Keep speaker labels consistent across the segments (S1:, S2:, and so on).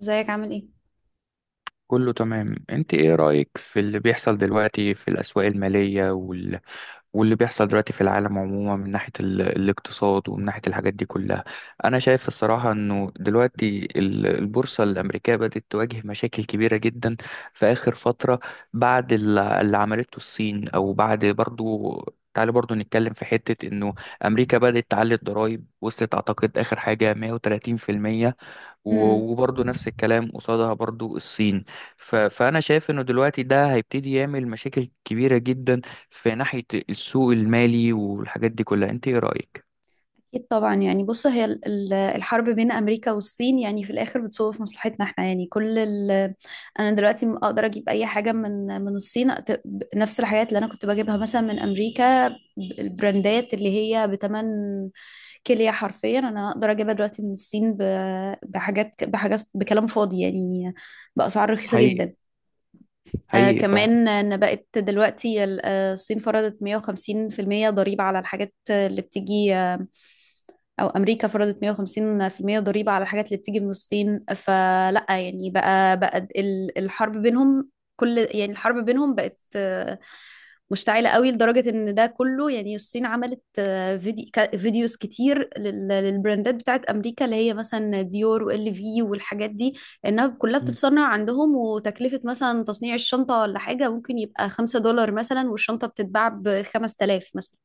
S1: ازيك عامل ايه؟
S2: كله تمام، انت ايه رأيك في اللي بيحصل دلوقتي في الأسواق المالية واللي بيحصل دلوقتي في العالم عموما من ناحية الاقتصاد ومن ناحية الحاجات دي كلها. انا شايف الصراحة انه دلوقتي البورصة الأمريكية بدأت تواجه مشاكل كبيرة جدا في آخر فترة، بعد اللي عملته الصين، او بعد برضو. تعالى برضو نتكلم في حتة انه امريكا بدأت تعلي الضرائب، وصلت اعتقد اخر حاجة 130%،
S1: امم
S2: وبرضه نفس الكلام قصادها برضه الصين. فأنا شايف إنه دلوقتي ده هيبتدي يعمل مشاكل كبيرة جدا في ناحية السوق المالي والحاجات دي كلها. أنت إيه رأيك؟
S1: اكيد طبعا، يعني بص، هي الحرب بين امريكا والصين يعني في الاخر بتصب في مصلحتنا احنا، يعني كل انا دلوقتي اقدر اجيب اي حاجه من الصين، نفس الحاجات اللي انا كنت بجيبها مثلا من امريكا، البراندات اللي هي بتمن كليه حرفيا انا اقدر اجيبها دلوقتي من الصين بحاجات بحاجات، بكلام فاضي يعني، باسعار رخيصه
S2: حقيقي،
S1: جدا.
S2: حقيقي.
S1: كمان ان بقت دلوقتي الصين فرضت 150% ضريبة على الحاجات اللي بتيجي، او امريكا فرضت 150% ضريبة على الحاجات اللي بتيجي من الصين. فلا يعني بقى الحرب بينهم، كل يعني الحرب بينهم بقت مشتعلة قوي، لدرجة ان ده كله. يعني الصين عملت فيديوز كتير للبراندات بتاعت امريكا، اللي هي مثلا ديور وال في والحاجات دي، انها كلها
S2: مم.
S1: بتتصنع عندهم، وتكلفة مثلا تصنيع الشنطة ولا حاجة ممكن يبقى خمسة دولار مثلا، والشنطة بتتباع بخمس تلاف مثلا.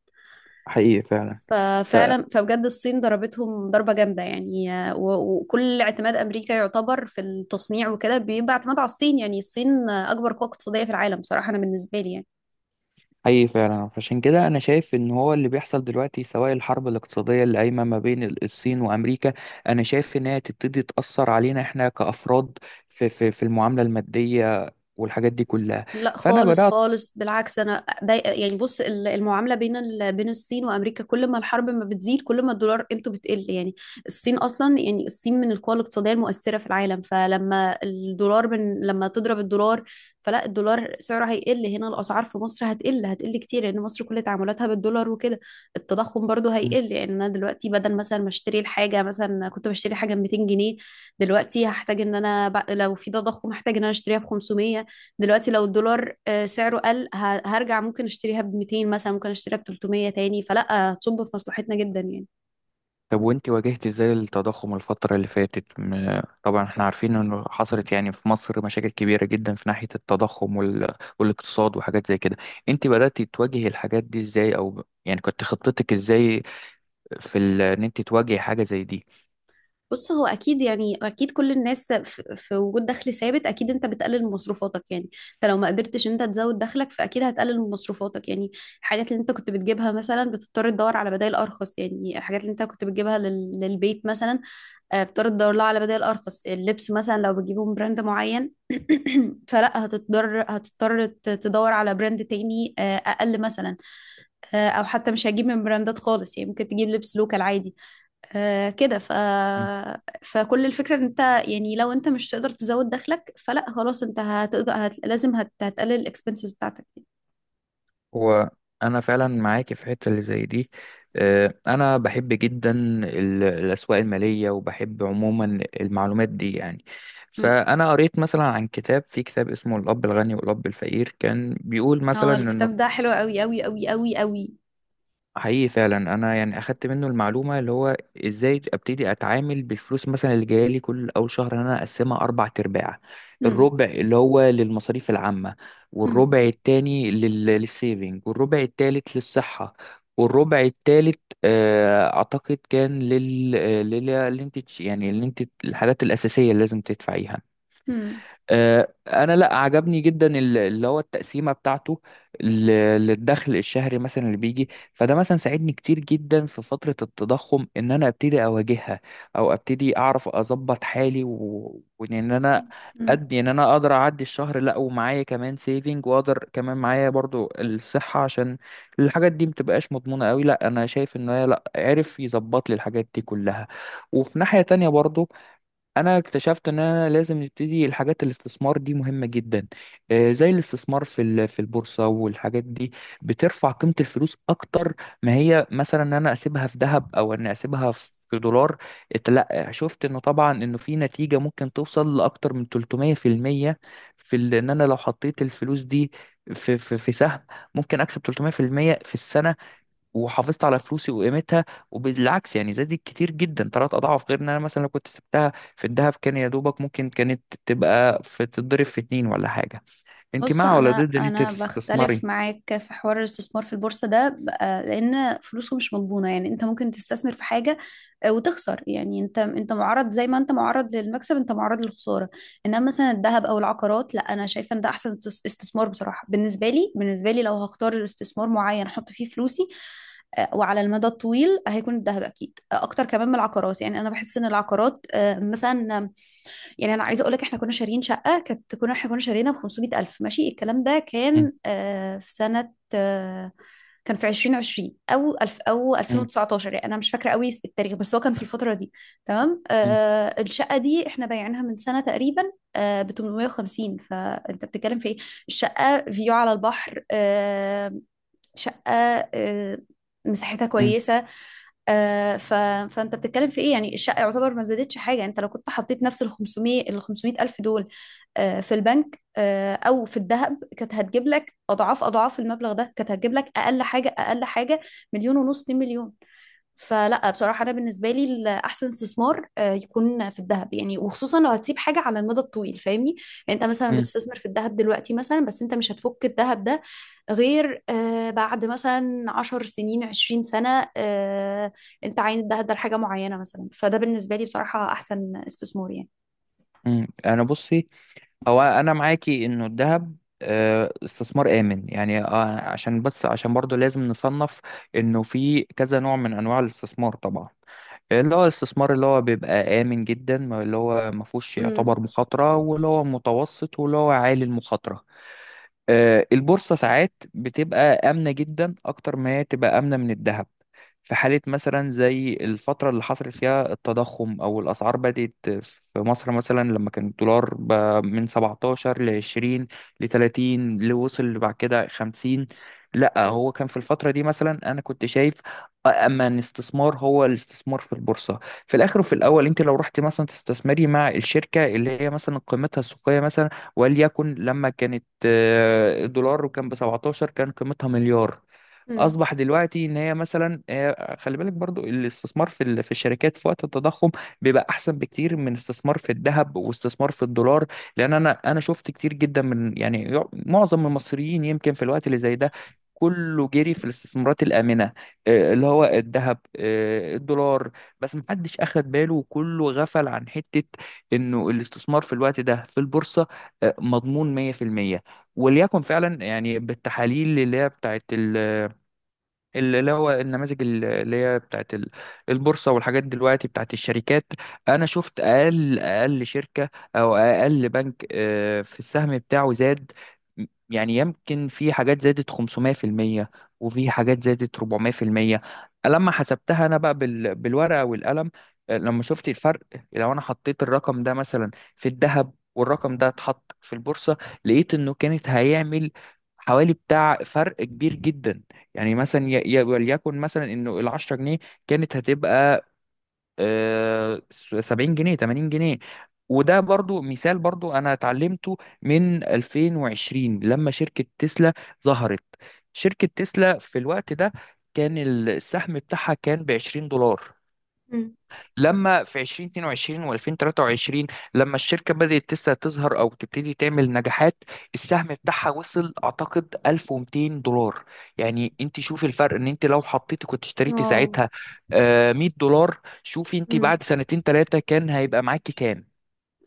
S2: حقيقي فعلا. ف...
S1: ففعلا، فبجد الصين ضربتهم ضربة جامدة يعني، وكل اعتماد أمريكا يعتبر في التصنيع وكده بيبقى اعتماد على الصين. يعني الصين أكبر قوة اقتصادية في العالم، صراحة أنا بالنسبة لي يعني.
S2: حقيقي فعلا، عشان كده أنا شايف إن هو اللي بيحصل دلوقتي، سواء الحرب الاقتصادية اللي قايمة ما بين الصين وأمريكا، أنا شايف إن هي تبتدي تأثر علينا إحنا كأفراد في المعاملة المادية والحاجات دي كلها.
S1: لا
S2: فأنا
S1: خالص
S2: بدأت.
S1: خالص، بالعكس انا ضايقه. يعني بص، المعامله بين بين الصين وامريكا، كل ما الحرب ما بتزيد كل ما الدولار قيمته بتقل يعني. الصين اصلا، يعني الصين من القوى الاقتصاديه المؤثره في العالم. فلما الدولار لما تضرب الدولار، فلا الدولار سعره هيقل، هنا الاسعار في مصر هتقل، هتقل كتير، لان مصر كل تعاملاتها بالدولار وكده. التضخم برضو هيقل، يعني انا دلوقتي بدل مثلا ما اشتري الحاجه، مثلا كنت بشتري حاجه ب 200 جنيه، دلوقتي هحتاج ان انا لو في تضخم هحتاج ان انا اشتريها ب 500. دلوقتي لو الدولار سعره قل، هرجع ممكن اشتريها ب 200 مثلا، ممكن اشتريها ب 300 تاني، فلا هتصب في مصلحتنا جدا يعني.
S2: طب وانت واجهت ازاي التضخم الفترة اللي فاتت؟ طبعا احنا عارفين انه حصلت يعني في مصر مشاكل كبيرة جدا في ناحية التضخم والاقتصاد وحاجات زي كده. انت بدأتي تواجهي الحاجات دي ازاي، او يعني كنت خطتك ازاي في ان انت تواجهي حاجة زي دي؟
S1: بص هو اكيد يعني، اكيد كل الناس في وجود دخل ثابت اكيد انت بتقلل من مصروفاتك، يعني انت لو ما قدرتش إن انت تزود دخلك فاكيد هتقلل من مصروفاتك يعني. الحاجات اللي انت كنت بتجيبها مثلا بتضطر تدور على بدائل ارخص، يعني الحاجات اللي انت كنت بتجيبها للبيت مثلا، بتضطر تدور لها على بدائل ارخص. اللبس مثلا لو بتجيبه من براند معين فلا هتضطر تدور على براند تاني اقل مثلا، او حتى مش هجيب من براندات خالص، يعني ممكن تجيب لبس لوكال عادي. آه كده ف... فكل الفكرة ان انت يعني لو انت مش تقدر تزود دخلك فلا خلاص، انت هتقدر لازم هتقلل الاكسبنسز بتاعتك يعني.
S2: هو انا فعلا معاك في حته اللي زي دي. انا بحب جدا الاسواق الماليه وبحب عموما المعلومات دي يعني.
S1: مم.
S2: فانا قريت مثلا عن كتاب، في كتاب اسمه الاب الغني والاب الفقير، كان بيقول مثلا
S1: اه،
S2: انه...
S1: الكتاب ده حلو قوي قوي قوي قوي قوي.
S2: حقيقي فعلا، انا يعني اخدت منه المعلومه اللي هو ازاي ابتدي اتعامل بالفلوس مثلا اللي جايه لي كل اول شهر، ان انا اقسمها اربع ارباع.
S1: مم.
S2: الربع اللي هو للمصاريف العامه،
S1: مم.
S2: والربع التاني للسيفنج، والربع التالت للصحه، والربع التالت اعتقد كان لل اللي انت يعني اللي انت الحاجات الاساسيه اللي لازم تدفعيها.
S1: مم.
S2: انا، لا، عجبني جدا اللي هو التقسيمه بتاعته، ل- للدخل الشهري مثلا اللي بيجي. فده مثلا ساعدني كتير جدا في فتره التضخم، ان انا ابتدي اواجهها، او ابتدي اعرف اظبط حالي وان انا
S1: مم.
S2: ادي ان انا اقدر اعدي الشهر، لا ومعايا كمان سيفنج، واقدر كمان معايا برضو الصحه، عشان الحاجات دي متبقاش مضمونه قوي. لا انا شايف ان هي، لا، عرف يظبط لي الحاجات دي كلها. وفي ناحيه تانية برضو، انا اكتشفت ان انا لازم نبتدي الحاجات الاستثمار دي مهمة جدا. زي الاستثمار في البورصة والحاجات دي، بترفع قيمة الفلوس اكتر ما هي مثلا ان انا اسيبها في ذهب، او ان اسيبها في دولار. لا، شفت انه طبعا انه في نتيجة ممكن توصل لاكتر من 300% في المية، في ان انا لو حطيت الفلوس دي في سهم ممكن اكسب 300% في المية في السنة، وحافظت على فلوسي وقيمتها. وبالعكس يعني زادت كتير جدا، ثلاث اضعاف، غير ان انا مثلا لو كنت سبتها في الذهب كان يا دوبك ممكن كانت تبقى، في تتضرب في اتنين ولا حاجه. انت
S1: بص،
S2: مع ولا
S1: انا
S2: ضد ان انت
S1: انا بختلف
S2: تستثمري؟
S1: معاك في حوار الاستثمار في البورصه ده بقى، لان فلوسه مش مضمونه يعني. انت ممكن تستثمر في حاجه وتخسر يعني، انت معرض، زي ما انت معرض للمكسب انت معرض للخساره. انما مثلا الذهب او العقارات، لا انا شايفه ان ده احسن استثمار بصراحه. بالنسبه لي، بالنسبه لي لو هختار استثمار معين احط فيه فلوسي وعلى المدى الطويل، هيكون الذهب اكيد اكتر كمان من العقارات. يعني انا بحس ان العقارات مثلا، يعني انا عايزه اقول لك، احنا كنا شاريين شقه، كانت كنا احنا كنا شارينا ب 500 الف. ماشي، الكلام ده
S2: م-
S1: كان في سنه، كان في 2020 او الف او
S2: م-
S1: 2019، يعني انا مش فاكره قوي التاريخ، بس هو كان في الفتره دي. تمام.
S2: م-
S1: الشقه دي احنا بايعينها من سنه تقريبا ب 850. فانت بتتكلم في ايه؟ الشقه فيو على البحر، شقه، آه مساحتها
S2: م-
S1: كويسه، آه، ف... فانت بتتكلم في ايه؟ يعني الشقه يعتبر ما زادتش حاجه. يعني انت لو كنت حطيت نفس ال 500 ال 500 الف دول في البنك او في الذهب، كانت هتجيب لك اضعاف اضعاف المبلغ ده، كانت هتجيب لك اقل حاجه، اقل حاجه مليون ونص، 2 مليون. فلا بصراحة أنا بالنسبة لي الأحسن استثمار يكون في الذهب، يعني وخصوصا لو هتسيب حاجة على المدى الطويل فاهمني. يعني أنت مثلا
S2: م-
S1: بتستثمر في الذهب دلوقتي مثلا، بس أنت مش هتفك الذهب ده غير بعد مثلا عشر سنين عشرين سنة، أنت عاين الذهب ده لحاجة معينة مثلا، فده بالنسبة لي بصراحة أحسن استثمار يعني.
S2: م. انا بصي، هو انا معاكي انه الذهب استثمار آمن يعني. عشان بس، عشان برضه لازم نصنف انه في كذا نوع من انواع الاستثمار طبعا، اللي هو الاستثمار اللي هو بيبقى آمن جدا، اللي هو ما فيهوش
S1: امم.
S2: يعتبر مخاطرة، واللي هو متوسط، واللي هو عالي المخاطرة. البورصة ساعات بتبقى آمنة جدا، أكتر ما هي تبقى آمنة من الذهب، في حالة مثلا زي الفترة اللي حصل فيها التضخم أو الأسعار بدأت. في مصر مثلا لما كان الدولار ب-، من 17 ل 20 ل 30، لوصل بعد كده 50. لا، هو كان في الفترة دي مثلا أنا كنت شايف أما الاستثمار هو الاستثمار في البورصة. في الآخر وفي الأول، أنت لو رحت مثلا تستثمري مع الشركة اللي هي مثلا قيمتها السوقية وليكن لما كانت دولار وكان ب 17 كان قيمتها مليار،
S1: امم.
S2: اصبح دلوقتي ان هي مثلا... خلي بالك برضو الاستثمار في الشركات في وقت التضخم بيبقى احسن بكتير من استثمار في الذهب واستثمار في الدولار. لان انا شفت كتير جدا من يعني معظم المصريين يمكن في الوقت اللي زي ده كله جري في الاستثمارات الآمنة، اللي هو الذهب، الدولار. بس محدش أخد باله، وكله غفل عن حتة إنه الاستثمار في الوقت ده في البورصة مضمون 100%. وليكن فعلا يعني بالتحاليل اللي هي بتاعت، اللي هو النماذج اللي هي بتاعت البورصة، والحاجات دلوقتي بتاعت الشركات. أنا شفت أقل أقل شركة أو أقل بنك في السهم بتاعه زاد. يعني يمكن في حاجات زادت 500%، وفي حاجات زادت 400%. لما حسبتها أنا بقى بالورقة والقلم، لما شفت الفرق. لو أنا حطيت الرقم ده مثلا في الذهب والرقم ده اتحط في البورصة، لقيت إنه كانت هيعمل حوالي بتاع فرق كبير جدا. يعني مثلا وليكن مثلا انه ال 10 جنيه كانت هتبقى 70 جنيه، 80 جنيه. وده برضو مثال، برضو انا اتعلمته من 2020 لما شركة تسلا ظهرت. شركة تسلا في الوقت ده كان السهم بتاعها كان ب 20 دولار.
S1: مم.
S2: لما في 2022 و2023 لما الشركة بدأت تظهر أو تبتدي تعمل نجاحات، السهم بتاعها وصل أعتقد 1200 دولار. يعني أنت شوفي الفرق، إن أنت لو حطيتي كنت اشتريتي
S1: واو.
S2: ساعتها 100 دولار، شوفي أنت
S1: مم.
S2: بعد سنتين ثلاثة كان هيبقى معاكي كام؟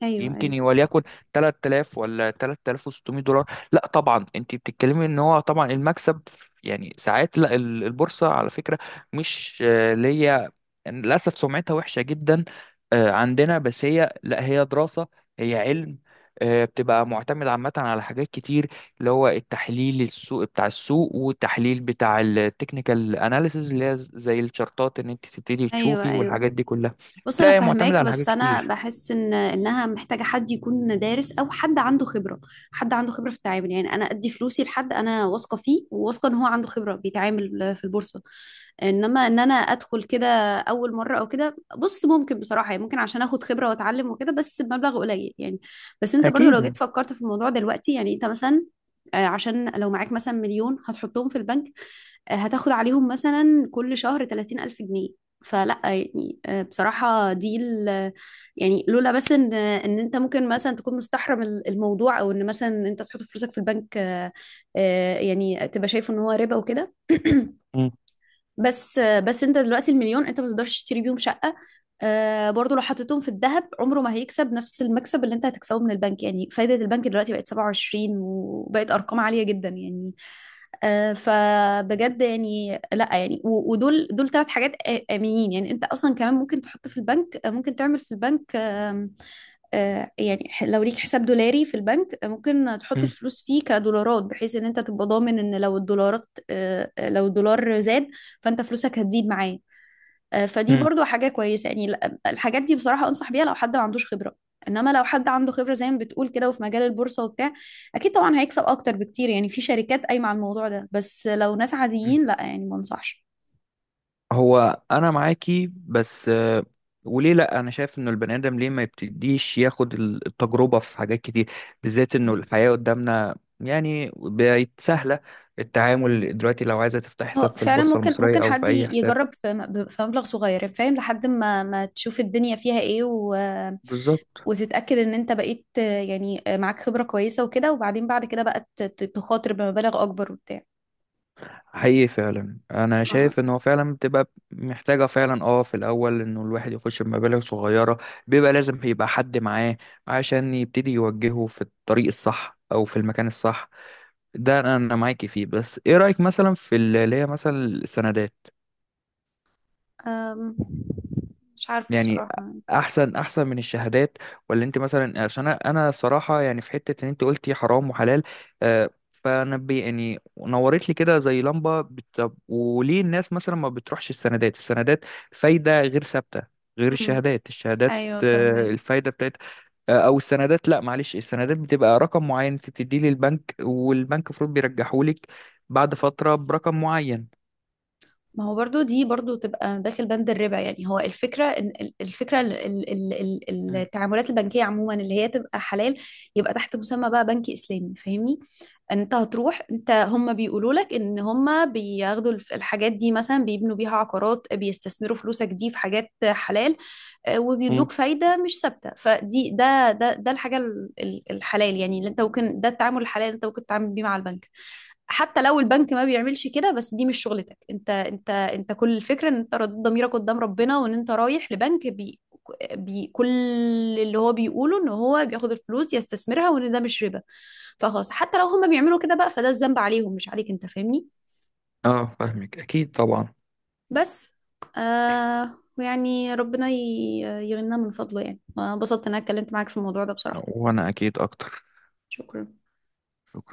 S1: أيوه، أيوه.
S2: يمكن وليكن 3000 ولا 3600 دولار. لا طبعا انت بتتكلمي ان هو طبعا المكسب يعني ساعات. لا، البورصه على فكره مش اللي هي، للاسف سمعتها وحشه جدا عندنا. بس هي، لا، هي دراسه، هي علم. بتبقى معتمد عامة على حاجات كتير، اللي هو التحليل السوق بتاع السوق والتحليل بتاع التكنيكال اناليسز اللي هي زي الشارتات ان انت تبتدي
S1: ايوه،
S2: تشوفي
S1: ايوه.
S2: والحاجات دي كلها.
S1: بص
S2: لا
S1: انا
S2: هي معتمدة
S1: فاهماك،
S2: على حاجات
S1: بس انا
S2: كتير.
S1: بحس ان انها محتاجه حد يكون دارس او حد عنده خبره. حد عنده خبره في التعامل، يعني انا ادي فلوسي لحد انا واثقه فيه وواثقه ان هو عنده خبره بيتعامل في البورصه. انما ان انا ادخل كده اول مره او كده، بص ممكن بصراحه يعني، ممكن عشان اخد خبره واتعلم وكده، بس بمبلغ قليل يعني. بس انت برضو لو
S2: اكيد
S1: جيت فكرت في الموضوع دلوقتي، يعني انت مثلا عشان لو معاك مثلا مليون هتحطهم في البنك، هتاخد عليهم مثلا كل شهر 30,000 جنيه. فلا يعني بصراحة دي يعني، لولا بس ان انت ممكن مثلا تكون مستحرم الموضوع، او ان مثلا انت تحط فلوسك في البنك يعني تبقى شايف ان هو ربا وكده.
S2: يعني.
S1: بس انت دلوقتي المليون انت ما تقدرش تشتري بيهم شقة. برضو لو حطيتهم في الذهب عمره ما هيكسب نفس المكسب اللي انت هتكسبه من البنك. يعني فايدة البنك دلوقتي بقت 27 وبقت ارقام عالية جدا يعني. فبجد يعني لا يعني، ودول ثلاث حاجات آمنين، يعني انت اصلا كمان ممكن تحط في البنك ممكن تعمل في البنك آم، آه، يعني لو ليك حساب دولاري في البنك ممكن تحط
S2: مم.
S1: الفلوس فيه كدولارات، بحيث ان انت تبقى ضامن ان لو الدولارات لو الدولار زاد فانت فلوسك هتزيد معاه. فدي
S2: مم.
S1: برضو حاجة كويسة. يعني الحاجات دي بصراحة أنصح بيها لو حد ما عندوش خبرة. إنما لو حد عنده خبرة زي ما بتقول كده وفي مجال البورصة وبتاع، أكيد طبعا هيكسب أكتر بكتير، يعني في شركات قايمة على الموضوع ده. بس لو ناس
S2: مم.
S1: عاديين لا يعني ما أنصحش.
S2: هو انا معاكي بس، وليه لا، انا شايف انه البني ادم ليه ما يبتديش ياخد التجربه في حاجات كتير، بالذات انه الحياه قدامنا يعني بقت سهله، التعامل دلوقتي لو عايزه تفتح حساب
S1: اه
S2: في
S1: فعلا،
S2: البورصه
S1: ممكن
S2: المصريه
S1: ممكن
S2: او في
S1: حد
S2: اي حساب.
S1: يجرب في في مبلغ صغير يعني، فاهم لحد ما ما تشوف الدنيا فيها ايه
S2: بالظبط.
S1: وتتأكد ان انت بقيت معاك خبرة كويسة وكده، وبعدين بعد كده بقى تخاطر بمبالغ اكبر وبتاع.
S2: حقيقي فعلا انا شايف ان هو فعلا بتبقى محتاجه فعلا، اه، في الاول انه الواحد يخش بمبالغ صغيره، بيبقى لازم يبقى حد معاه عشان يبتدي يوجهه في الطريق الصح او في المكان الصح. ده انا، أنا معاكي فيه. بس ايه رايك مثلا اللي هي مثلا السندات؟
S1: أم، مش عارفة
S2: يعني
S1: بصراحة.
S2: احسن، احسن من الشهادات، ولا انت مثلا؟ عشان انا، أنا صراحه يعني في حته ان انت قلتي حرام وحلال، فانا بي يعني نورت لي كده زي لمبه. طب وليه الناس مثلا ما بتروحش السندات؟ السندات فايده غير ثابته، غير
S1: امم.
S2: الشهادات. الشهادات
S1: ايوه فاهمين.
S2: الفايده بتاعتها او السندات، لا معلش، السندات بتبقى رقم معين انت بتديه للبنك، والبنك المفروض بيرجحه لك بعد فتره برقم معين.
S1: ما هو برضو دي برضو تبقى داخل بند الربا. يعني هو الفكرة الفكرة التعاملات البنكية عموما اللي هي تبقى حلال، يبقى تحت مسمى بقى بنكي إسلامي فاهمني. انت هتروح انت هم بيقولوا لك ان هم بياخدوا الحاجات دي مثلا بيبنوا بيها عقارات، بيستثمروا فلوسك دي في حاجات حلال
S2: مم.
S1: وبيدوك فايدة مش ثابتة. فدي ده الحاجة الحلال، يعني اللي انت ممكن، ده التعامل الحلال اللي انت ممكن تتعامل بيه مع البنك. حتى لو البنك ما بيعملش كده، بس دي مش شغلتك انت. انت كل الفكرة ان انت رضيت ضميرك قدام ربنا، وان انت رايح لبنك بي كل اللي هو بيقوله ان هو بياخد الفلوس يستثمرها وان ده مش ربا، فخلاص حتى لو هم بيعملوا كده بقى، فده الذنب عليهم مش عليك انت فاهمني.
S2: اه فاهمك اكيد طبعا.
S1: بس ويعني ربنا يغنينا من فضله يعني. وانبسطت ان انا اتكلمت معاك في الموضوع ده بصراحة.
S2: وانا اكيد اكتر.
S1: شكرا.